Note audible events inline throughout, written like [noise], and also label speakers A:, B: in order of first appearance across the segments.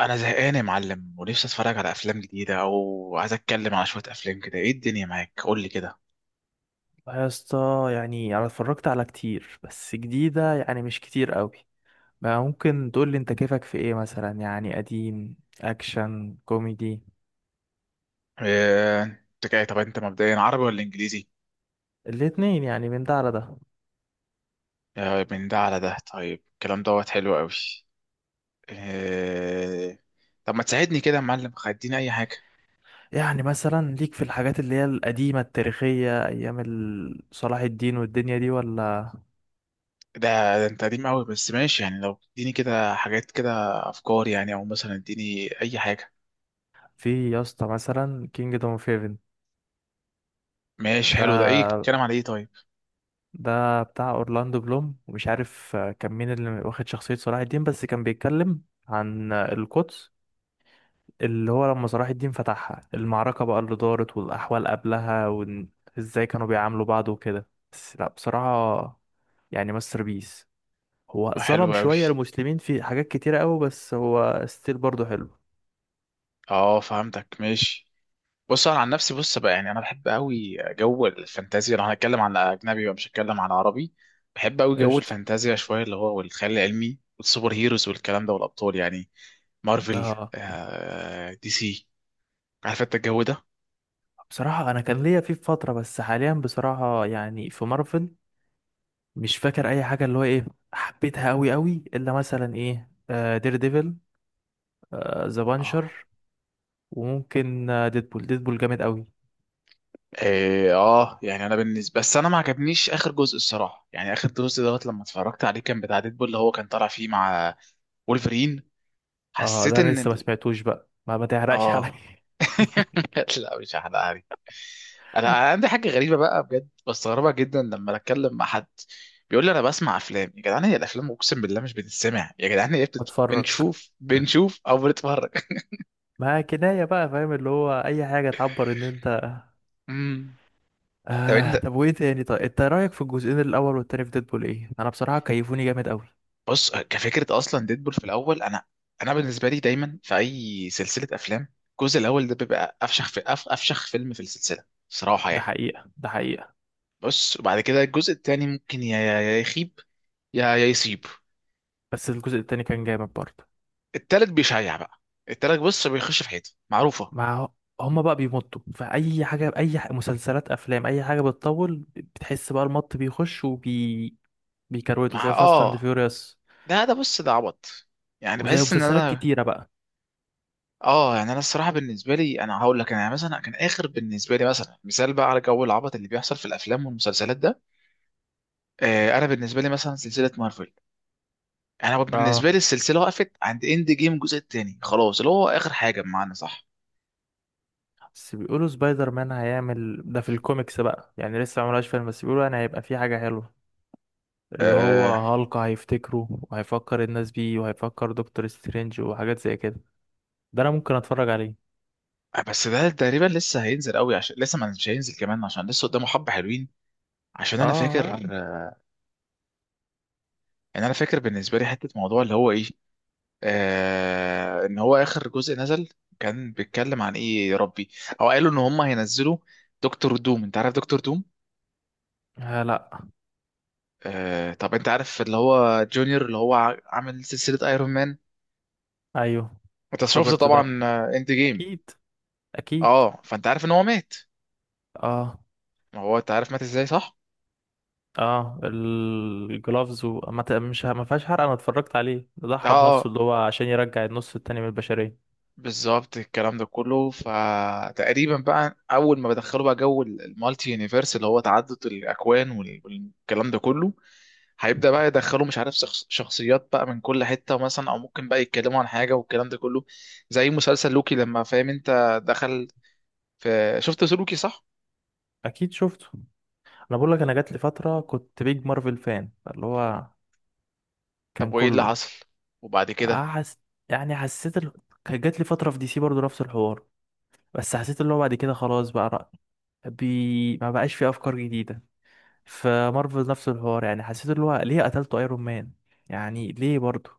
A: انا زهقان يا معلم ونفسي اتفرج على افلام جديده او عايز اتكلم على شويه افلام كده. ايه الدنيا معاك؟ قول لي كده.
B: يا اسطى، يعني انا اتفرجت على كتير بس جديدة يعني مش كتير قوي. ما ممكن تقول لي انت كيفك في ايه، مثلا يعني قديم، اكشن، كوميدي؟
A: إيه، انت جاي؟ طب انت مبدئيا عربي ولا انجليزي؟
B: الاتنين، يعني من ده على ده.
A: آه، من ده على ده. طيب الكلام دوت حلو قوي. إيه... طب ما تساعدني كده يا معلم، خديني اي حاجه.
B: يعني مثلا ليك في الحاجات اللي هي القديمة التاريخية ايام صلاح الدين والدنيا دي ولا؟
A: ده, ده انت قديم قوي، بس ماشي. يعني لو اديني كده حاجات كده، افكار يعني، او مثلا اديني اي حاجه.
B: في يا اسطى، مثلا كينجدوم اوف هيفن.
A: ماشي حلو، ده ايه
B: ده
A: بتتكلم على ايه طيب؟
B: ده بتاع اورلاندو بلوم ومش عارف كان مين اللي واخد شخصية صلاح الدين، بس كان بيتكلم عن القدس، اللي هو لما صلاح الدين فتحها، المعركة بقى اللي دارت والأحوال قبلها وإزاي كانوا بيعاملوا بعض وكده. بس لأ، بصراحة يعني ماستر بيس. هو
A: آه، حلو
B: ظلم
A: قوي.
B: شوية المسلمين في حاجات كتيرة أوي، بس هو ستيل برضه حلو.
A: اه فهمتك ماشي. بص انا عن نفسي، بص بقى، يعني انا بحب قوي جو الفانتازيا. لو هنتكلم عن اجنبي بقى مش هتكلم عن عربي. بحب قوي جو
B: قشطة.
A: الفانتازيا شويه، اللي هو والخيال العلمي والسوبر هيروز والكلام ده والابطال يعني. مارفل،
B: اه،
A: آه دي سي، عارف انت الجو ده.
B: بصراحة أنا كان ليا فيه في فترة، بس حاليا بصراحة يعني في مارفل مش فاكر أي حاجة اللي هو إيه حبيتها أوي أوي، إلا مثلا إيه، دير ديفل، ذا
A: اه
B: بانشر، وممكن ديدبول. ديدبول جامد أوي.
A: اه يعني انا بالنسبه، بس انا ما عجبنيش اخر جزء الصراحه. يعني اخر جزء دوت لما اتفرجت عليه كان بتاع ديدبول، اللي هو كان طالع فيه مع وولفرين.
B: اه،
A: حسيت
B: ده انا
A: ان
B: لسه ما سمعتوش بقى، ما ما تحرقش عليا.
A: اه. [laughs] لا مش هحرقها لك. انا عندي حاجه غريبه بقى بجد، بستغربها جدا لما اتكلم مع حد، بيقول لي انا بسمع افلام يا جدعان. هي الافلام اقسم بالله مش بتتسمع يا جدعان، هي
B: [laughs] اتفرج.
A: بنشوف او بنتفرج.
B: ما كناية بقى، فاهم اللي هو اي حاجة تعبر ان انت.
A: [laughs] امم طب انت
B: طب وايه تاني؟ طيب انت رأيك في الجزئين الاول والتاني في ديدبول ايه؟ انا بصراحة كيفوني جامد قوي.
A: بص، كفكره اصلا ديدبول في الاول، انا بالنسبه لي دايما في اي سلسله افلام، الجزء الاول ده بيبقى افشخ فيلم في السلسله صراحه
B: ده
A: يعني.
B: حقيقة، ده حقيقة.
A: بص وبعد كده الجزء التاني ممكن يا يخيب يا يصيب.
B: بس الجزء التاني كان جامد برضه.
A: التالت بيشيع بقى. التالت بص بيخش في حيط معروفة.
B: مع هما بقى بيمطوا فأي حاجة، أي مسلسلات، أفلام، أي حاجة بتطول بتحس بقى المط بيخش وبي بيكروته،
A: مع
B: زي فاست أند
A: اه،
B: فيوريوس
A: ده بص ده عبط. يعني
B: وزي
A: بحس ان
B: مسلسلات
A: انا
B: كتيرة بقى.
A: اه. يعني انا الصراحة بالنسبة لي، انا هقول لك، انا يعني مثلا كان اخر بالنسبة لي، مثلا مثال بقى على جو العبط اللي بيحصل في الافلام والمسلسلات ده، آه انا بالنسبة لي مثلا سلسلة مارفل، انا
B: آه.
A: بالنسبة لي السلسلة وقفت عند اند جيم الجزء التاني خلاص، اللي هو اخر حاجة بمعنى صح.
B: بس بيقولوا سبايدر مان هيعمل ده في الكوميكس بقى، يعني لسه ما عملهاش فيلم، بس بيقولوا يعني هيبقى في حاجة حلوة اللي هو
A: آه،
B: هالك هيفتكره وهيفكر الناس بيه وهيفكر دكتور سترينج وحاجات زي كده. ده انا ممكن اتفرج عليه.
A: بس ده تقريبا لسه هينزل قوي عشان لسه ما مش هينزل كمان، عشان لسه قدامه حبة حلوين. عشان انا
B: اه.
A: فاكر، يعني انا فاكر بالنسبه لي حته موضوع اللي هو ايه، آه ان هو اخر جزء نزل كان بيتكلم عن ايه يا ربي، او قالوا ان هم هينزلوا دكتور دوم. انت عارف دكتور دوم؟
B: آه، لا.
A: آه طب انت عارف اللي هو جونيور، اللي هو عامل سلسله ايرون مان،
B: ايوه،
A: انت شفت
B: روبرت ده.
A: طبعا آه، اند جيم.
B: اكيد، اكيد.
A: اه فانت عارف ان هو مات.
B: اه،
A: ما هو انت عارف مات ازاي صح؟
B: اه الجلافز، وما ت- مش ه- ما فيهاش حرق، انا اتفرجت عليه. ده
A: اه
B: ضحى بنفسه
A: آه،
B: اللي هو عشان يرجع النص التاني من البشرية.
A: بالظبط الكلام ده كله. فتقريبا بقى اول ما بدخلوا بقى جو المالتي يونيفرس، اللي هو تعدد الاكوان والكلام ده كله، هيبدأ بقى يدخلوا، مش عارف شخصيات بقى من كل حتة مثلا، أو ممكن بقى يتكلموا عن حاجة والكلام ده كله. زي مسلسل لوكي لما فاهم أنت دخل في، شفت لوكي صح؟
B: اكيد شفته. انا بقول لك، انا جات لي فتره كنت بيج مارفل فان، اللي هو
A: طب
B: كان
A: وإيه اللي
B: كله
A: حصل؟ وبعد كده
B: أحس... يعني حسيت كان جات لي فترة في دي سي برضو نفس الحوار، بس حسيت اللي هو بعد كده خلاص بقى ما بقاش في أفكار جديدة. فمارفل نفس الحوار، يعني حسيت اللي هو ليه قتلته ايرون مان؟ يعني ليه برضو؟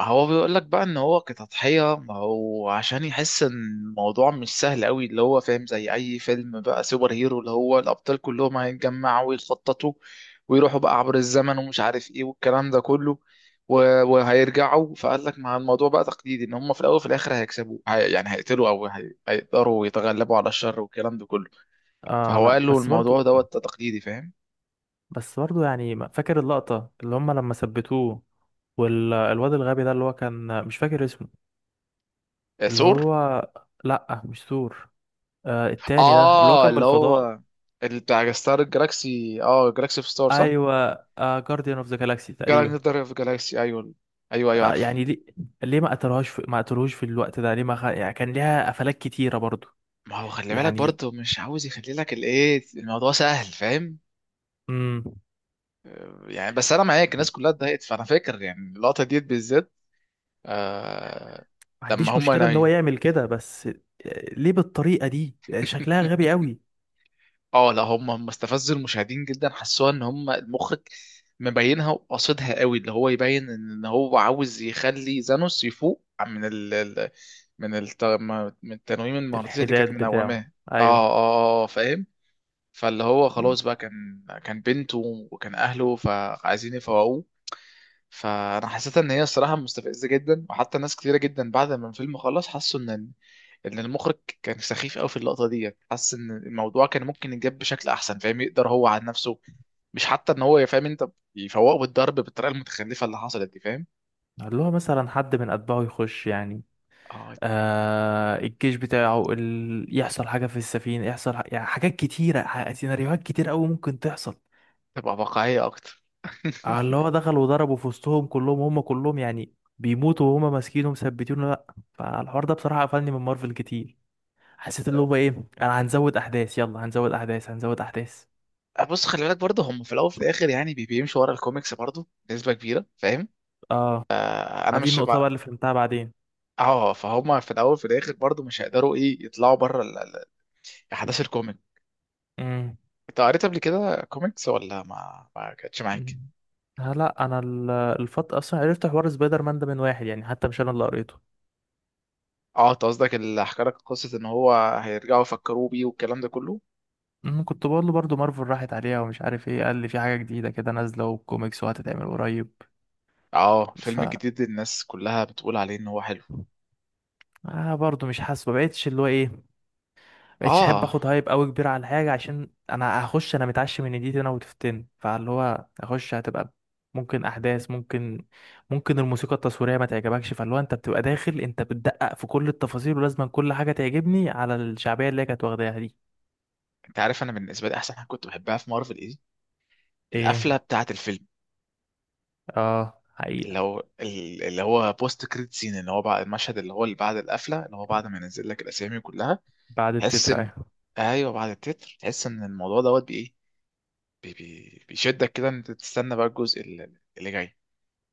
A: هو بيقول لك بقى ان هو كتضحية، ما هو عشان يحس ان الموضوع مش سهل قوي اللي هو فاهم، زي اي فيلم بقى سوبر هيرو اللي هو الابطال كلهم هيتجمعوا ويخططوا ويروحوا بقى عبر الزمن ومش عارف ايه والكلام ده كله، وهيرجعوا. فقال لك مع الموضوع بقى تقليدي ان هم في الاول وفي الاخر هيكسبوا، هي يعني هيقتلوا او هيقدروا يتغلبوا على الشر والكلام ده كله.
B: اه
A: فهو
B: لا،
A: قال له
B: بس
A: الموضوع
B: برضو،
A: دوت تقليدي فاهم.
B: بس برضو يعني فاكر اللقطة اللي هم لما ثبتوه والواد الغبي ده اللي هو كان مش فاكر اسمه
A: آه،
B: اللي
A: ثور.
B: هو؟ لا، مش ثور، آه التاني ده اللي هو
A: اه
B: كان من
A: اللي
B: الفضاء.
A: هو، اللي بتاع ستار الجلاكسي. اه جلاكسي في ستار صح؟
B: ايوه. آه جارديان اوف ذا جالاكسي تقريبا.
A: جالكسي جالاكسي، ايوه ايوه ايوه
B: آه،
A: عارف.
B: يعني ليه؟ ليه ما ما قتلوهوش في الوقت ده؟ ليه ما خ... يعني كان ليها قفلات كتيرة برضو،
A: ما هو خلي بالك
B: يعني.
A: برضه مش عاوز يخلي لك الايه الموضوع سهل فاهم.
B: امم
A: آه، يعني بس انا معاك، الناس كلها اتضايقت، فانا فاكر يعني اللقطه ديت بالذات. آه
B: ما
A: لما
B: عنديش
A: هم
B: مشكلة ان هو
A: ناي.
B: يعمل كده، بس آه، ليه بالطريقة دي؟ آه، شكلها
A: [laughs]
B: غبي قوي.
A: اه لا، هم استفزوا المشاهدين جدا. حسوها ان هم المخرج مبينها وقاصدها قوي، اللي هو يبين ان هو عاوز يخلي زانوس يفوق من من الت... من التنويم المغناطيسي اللي كانت
B: الحداد بتاعه،
A: منوماه. اه
B: ايوه.
A: اه آه، فاهم. فاللي هو
B: مم.
A: خلاص بقى، كان بنته، وكان اهله فعايزين يفوقوه. فانا حسيت ان هي الصراحه مستفزه جدا، وحتى ناس كتيره جدا بعد ما الفيلم خلص حسوا ان ان المخرج كان سخيف قوي في اللقطه دي. حس ان الموضوع كان ممكن يتجاب بشكل احسن فاهم. يقدر هو عن نفسه، مش حتى ان هو فاهم انت، يفوقه بالضرب بالطريقه المتخلفه اللي حصلت دي فاهم.
B: اللي هو مثلا حد من اتباعه يخش، يعني
A: اه
B: آه الجيش بتاعه يحصل حاجة في السفينة، يعني حاجات كتيرة سيناريوهات كتير قوي ممكن تحصل
A: تبقى واقعيه اكتر.
B: على اللي هو دخل وضربوا في وسطهم كلهم، هم كلهم يعني بيموتوا وهم ماسكينه مثبتينه. لا. فالحوار ده بصراحة قفلني من مارفل كتير. حسيت اللي هو
A: [laughs]
B: ايه، انا هنزود احداث، يلا هنزود احداث، هنزود احداث.
A: بص خلي بالك برضه هم في الاول وفي الاخر يعني بيمشوا ورا الكوميكس برضه نسبه كبيره فاهم.
B: اه،
A: آه،
B: ما
A: انا
B: دي
A: مش
B: النقطة بقى اللي فهمتها بعدين.
A: اه فهم. في الاول في الاخر برضو مش هيقدروا ايه يطلعوا بره احداث الكوميك.
B: امم
A: انت قريت قبل كده كوميكس ولا ما كانتش معاك؟
B: أمم. آه لا، انا الفت اصلا عرفت حوار سبايدر مان ده من واحد، يعني حتى مش انا اللي قريته.
A: اه انت قصدك اللي حكى لك قصه ان هو هيرجعوا يفكروا بيه والكلام ده كله.
B: أمم، كنت بقول له برضه مارفل راحت عليها ومش عارف ايه، قال لي في حاجة جديدة كده نازلة وكوميكس وهتتعمل قريب.
A: اه
B: ف
A: فيلم جديد الناس كلها بتقول عليه ان هو حلو.
B: آه، برضه مش حاسس، ما بقتش اللي هو ايه، مبقتش احب
A: اه
B: اخد هايب قوي كبير على حاجه، عشان انا هخش انا متعشم ان دي انا وتفتن، فاللي هو اخش هتبقى ممكن احداث، ممكن ممكن الموسيقى التصويريه ما تعجبكش، فاللي هو انت بتبقى داخل انت بتدقق في كل التفاصيل ولازم كل حاجه تعجبني على الشعبيه اللي هي كانت واخداها دي.
A: انت عارف انا بالنسبه لي احسن حاجه كنت بحبها في مارفل ايه؟ القفله
B: ايه؟
A: بتاعه الفيلم.
B: اه
A: اللي
B: حقيقه.
A: هو، اللي هو بوست كريد سين، اللي هو بعد المشهد اللي هو اللي بعد القفله، اللي هو بعد ما ينزل لك الاسامي كلها،
B: بعد
A: تحس
B: التتر،
A: ان،
B: ايوه.
A: ايوه بعد التتر تحس ان الموضوع دوت بايه. بي بي بيشدك كده ان انت تستنى بقى الجزء اللي جاي.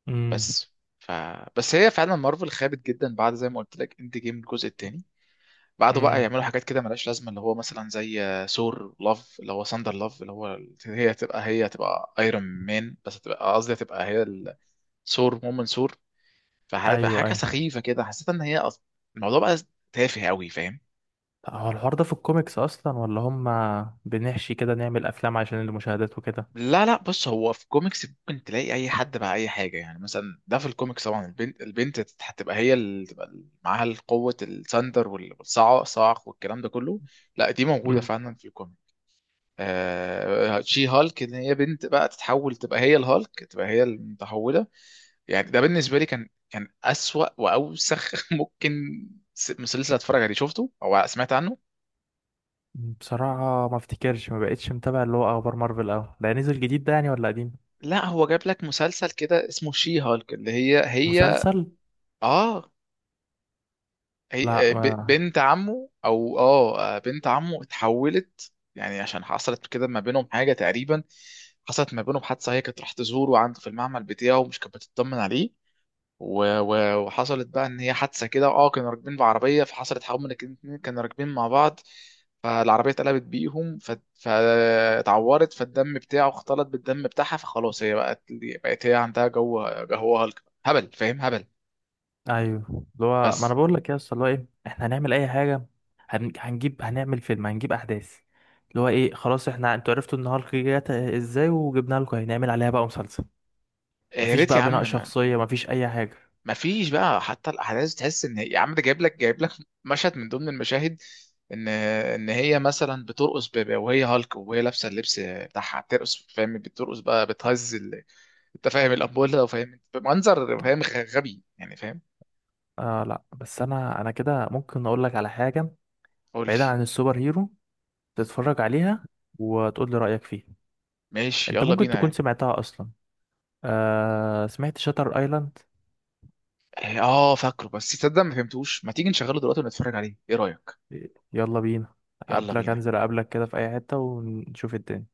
B: امم
A: بس ف بس هي فعلا مارفل خابت جدا بعد زي ما قلت لك اند جيم الجزء التاني. بعده بقى
B: امم.
A: يعملوا حاجات كده ملهاش لازمه، اللي هو مثلا زي ثور لاف، اللي هو ساندر لاف، اللي هو هي تبقى، هي تبقى ايرون مان، بس تبقى قصدي تبقى هي ثور، مومن ثور.
B: ايوه،
A: فحاجه
B: ايوه.
A: سخيفه كده، حسيت ان هي الموضوع بقى تافه قوي فاهم.
B: طب هو الحوار ده في الكوميكس اصلا، ولا هم بنحشي كده نعمل افلام عشان المشاهدات وكده؟
A: لا بص، هو في كوميكس ممكن تلاقي اي حد مع اي حاجه، يعني مثلا ده في الكوميكس طبعا. البنت، البنت هتبقى هي اللي تبقى معاها القوه، الثاندر والصاعق والكلام ده كله. لا دي موجوده فعلا في الكوميك. آه شي هالك، ان هي بنت بقى تتحول تبقى هي الهالك، تبقى هي المتحوله. يعني ده بالنسبه لي كان اسوأ واوسخ [laughs] ممكن مسلسل اتفرج عليه. شفته او سمعت عنه؟
B: بصراحة ما افتكرش، ما بقتش متابع اللي هو اخبار مارفل اوي. ده نزل جديد ده يعني ولا قديم؟
A: لا هو جاب لك مسلسل كده اسمه شي هالك، اللي هي هي
B: مسلسل؟
A: اه
B: لا.
A: هي آه،
B: ما
A: بنت عمه، او اه آه، بنت عمه اتحولت يعني عشان حصلت كده ما بينهم حاجه تقريبا. حصلت ما بينهم حادثه، هي كانت راح تزوره عنده في المعمل بتاعه ومش كانت بتطمن عليه، وحصلت بقى ان هي حادثه كده اه. كانوا راكبين بعربيه، فحصلت حوالي الاتنين كانوا راكبين مع بعض، فالعربيه اتقلبت بيهم، فاتعورت، فالدم بتاعه اختلط بالدم بتاعها، فخلاص هي بقت هي عندها جو، هو هبل فاهم، هبل.
B: ايوه، اللي هو ما انا
A: بس
B: بقول لك يا اسطى اللي هو ايه، احنا هنعمل اي حاجة، هنجيب، هنعمل فيلم، هنجيب احداث اللي هو ايه. خلاص احنا، انتوا عرفتوا ان هالك جت ازاي، وجبنا لكم، هنعمل عليها بقى مسلسل.
A: آه، يا
B: مفيش
A: ريت يا
B: بقى بناء
A: عم.
B: شخصية، مفيش اي حاجة.
A: مفيش بقى حتى الاحداث، تحس ان يا عم ده جايب لك مشهد من ضمن المشاهد ان ان هي مثلا بترقص، وهي هالك وهي لابسه اللبس بتاعها بترقص فاهم. بترقص بقى بتهز انت فاهم الابوله، وفاهم بمنظر فاهم غبي يعني فاهم.
B: آه لا، بس انا انا كده ممكن اقول لك على حاجة
A: قول
B: بعيدا
A: لي.
B: عن السوبر هيرو، تتفرج عليها وتقول لي رأيك فيها.
A: ماشي
B: انت
A: يلا
B: ممكن
A: بينا
B: تكون
A: يعني.
B: سمعتها اصلا. آه، سمعت شاتر ايلاند؟
A: إيه، اه فاكره، بس تصدق ما فهمتوش. ما تيجي نشغله دلوقتي ونتفرج عليه ايه رايك؟
B: يلا بينا.
A: يلا
B: قبلك،
A: بينا.
B: انزل قبلك كده في اي حتة ونشوف الدنيا.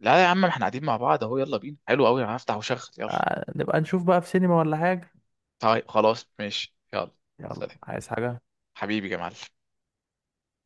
A: لا يا عم، احنا قاعدين مع بعض اهو، يلا بينا حلو قوي. انا هفتح وشغل يلا.
B: آه، نبقى نشوف بقى في سينما ولا حاجة؟
A: طيب خلاص ماشي يلا.
B: يلا،
A: سلام.
B: عايز حاجة؟
A: حبيبي يا معلم.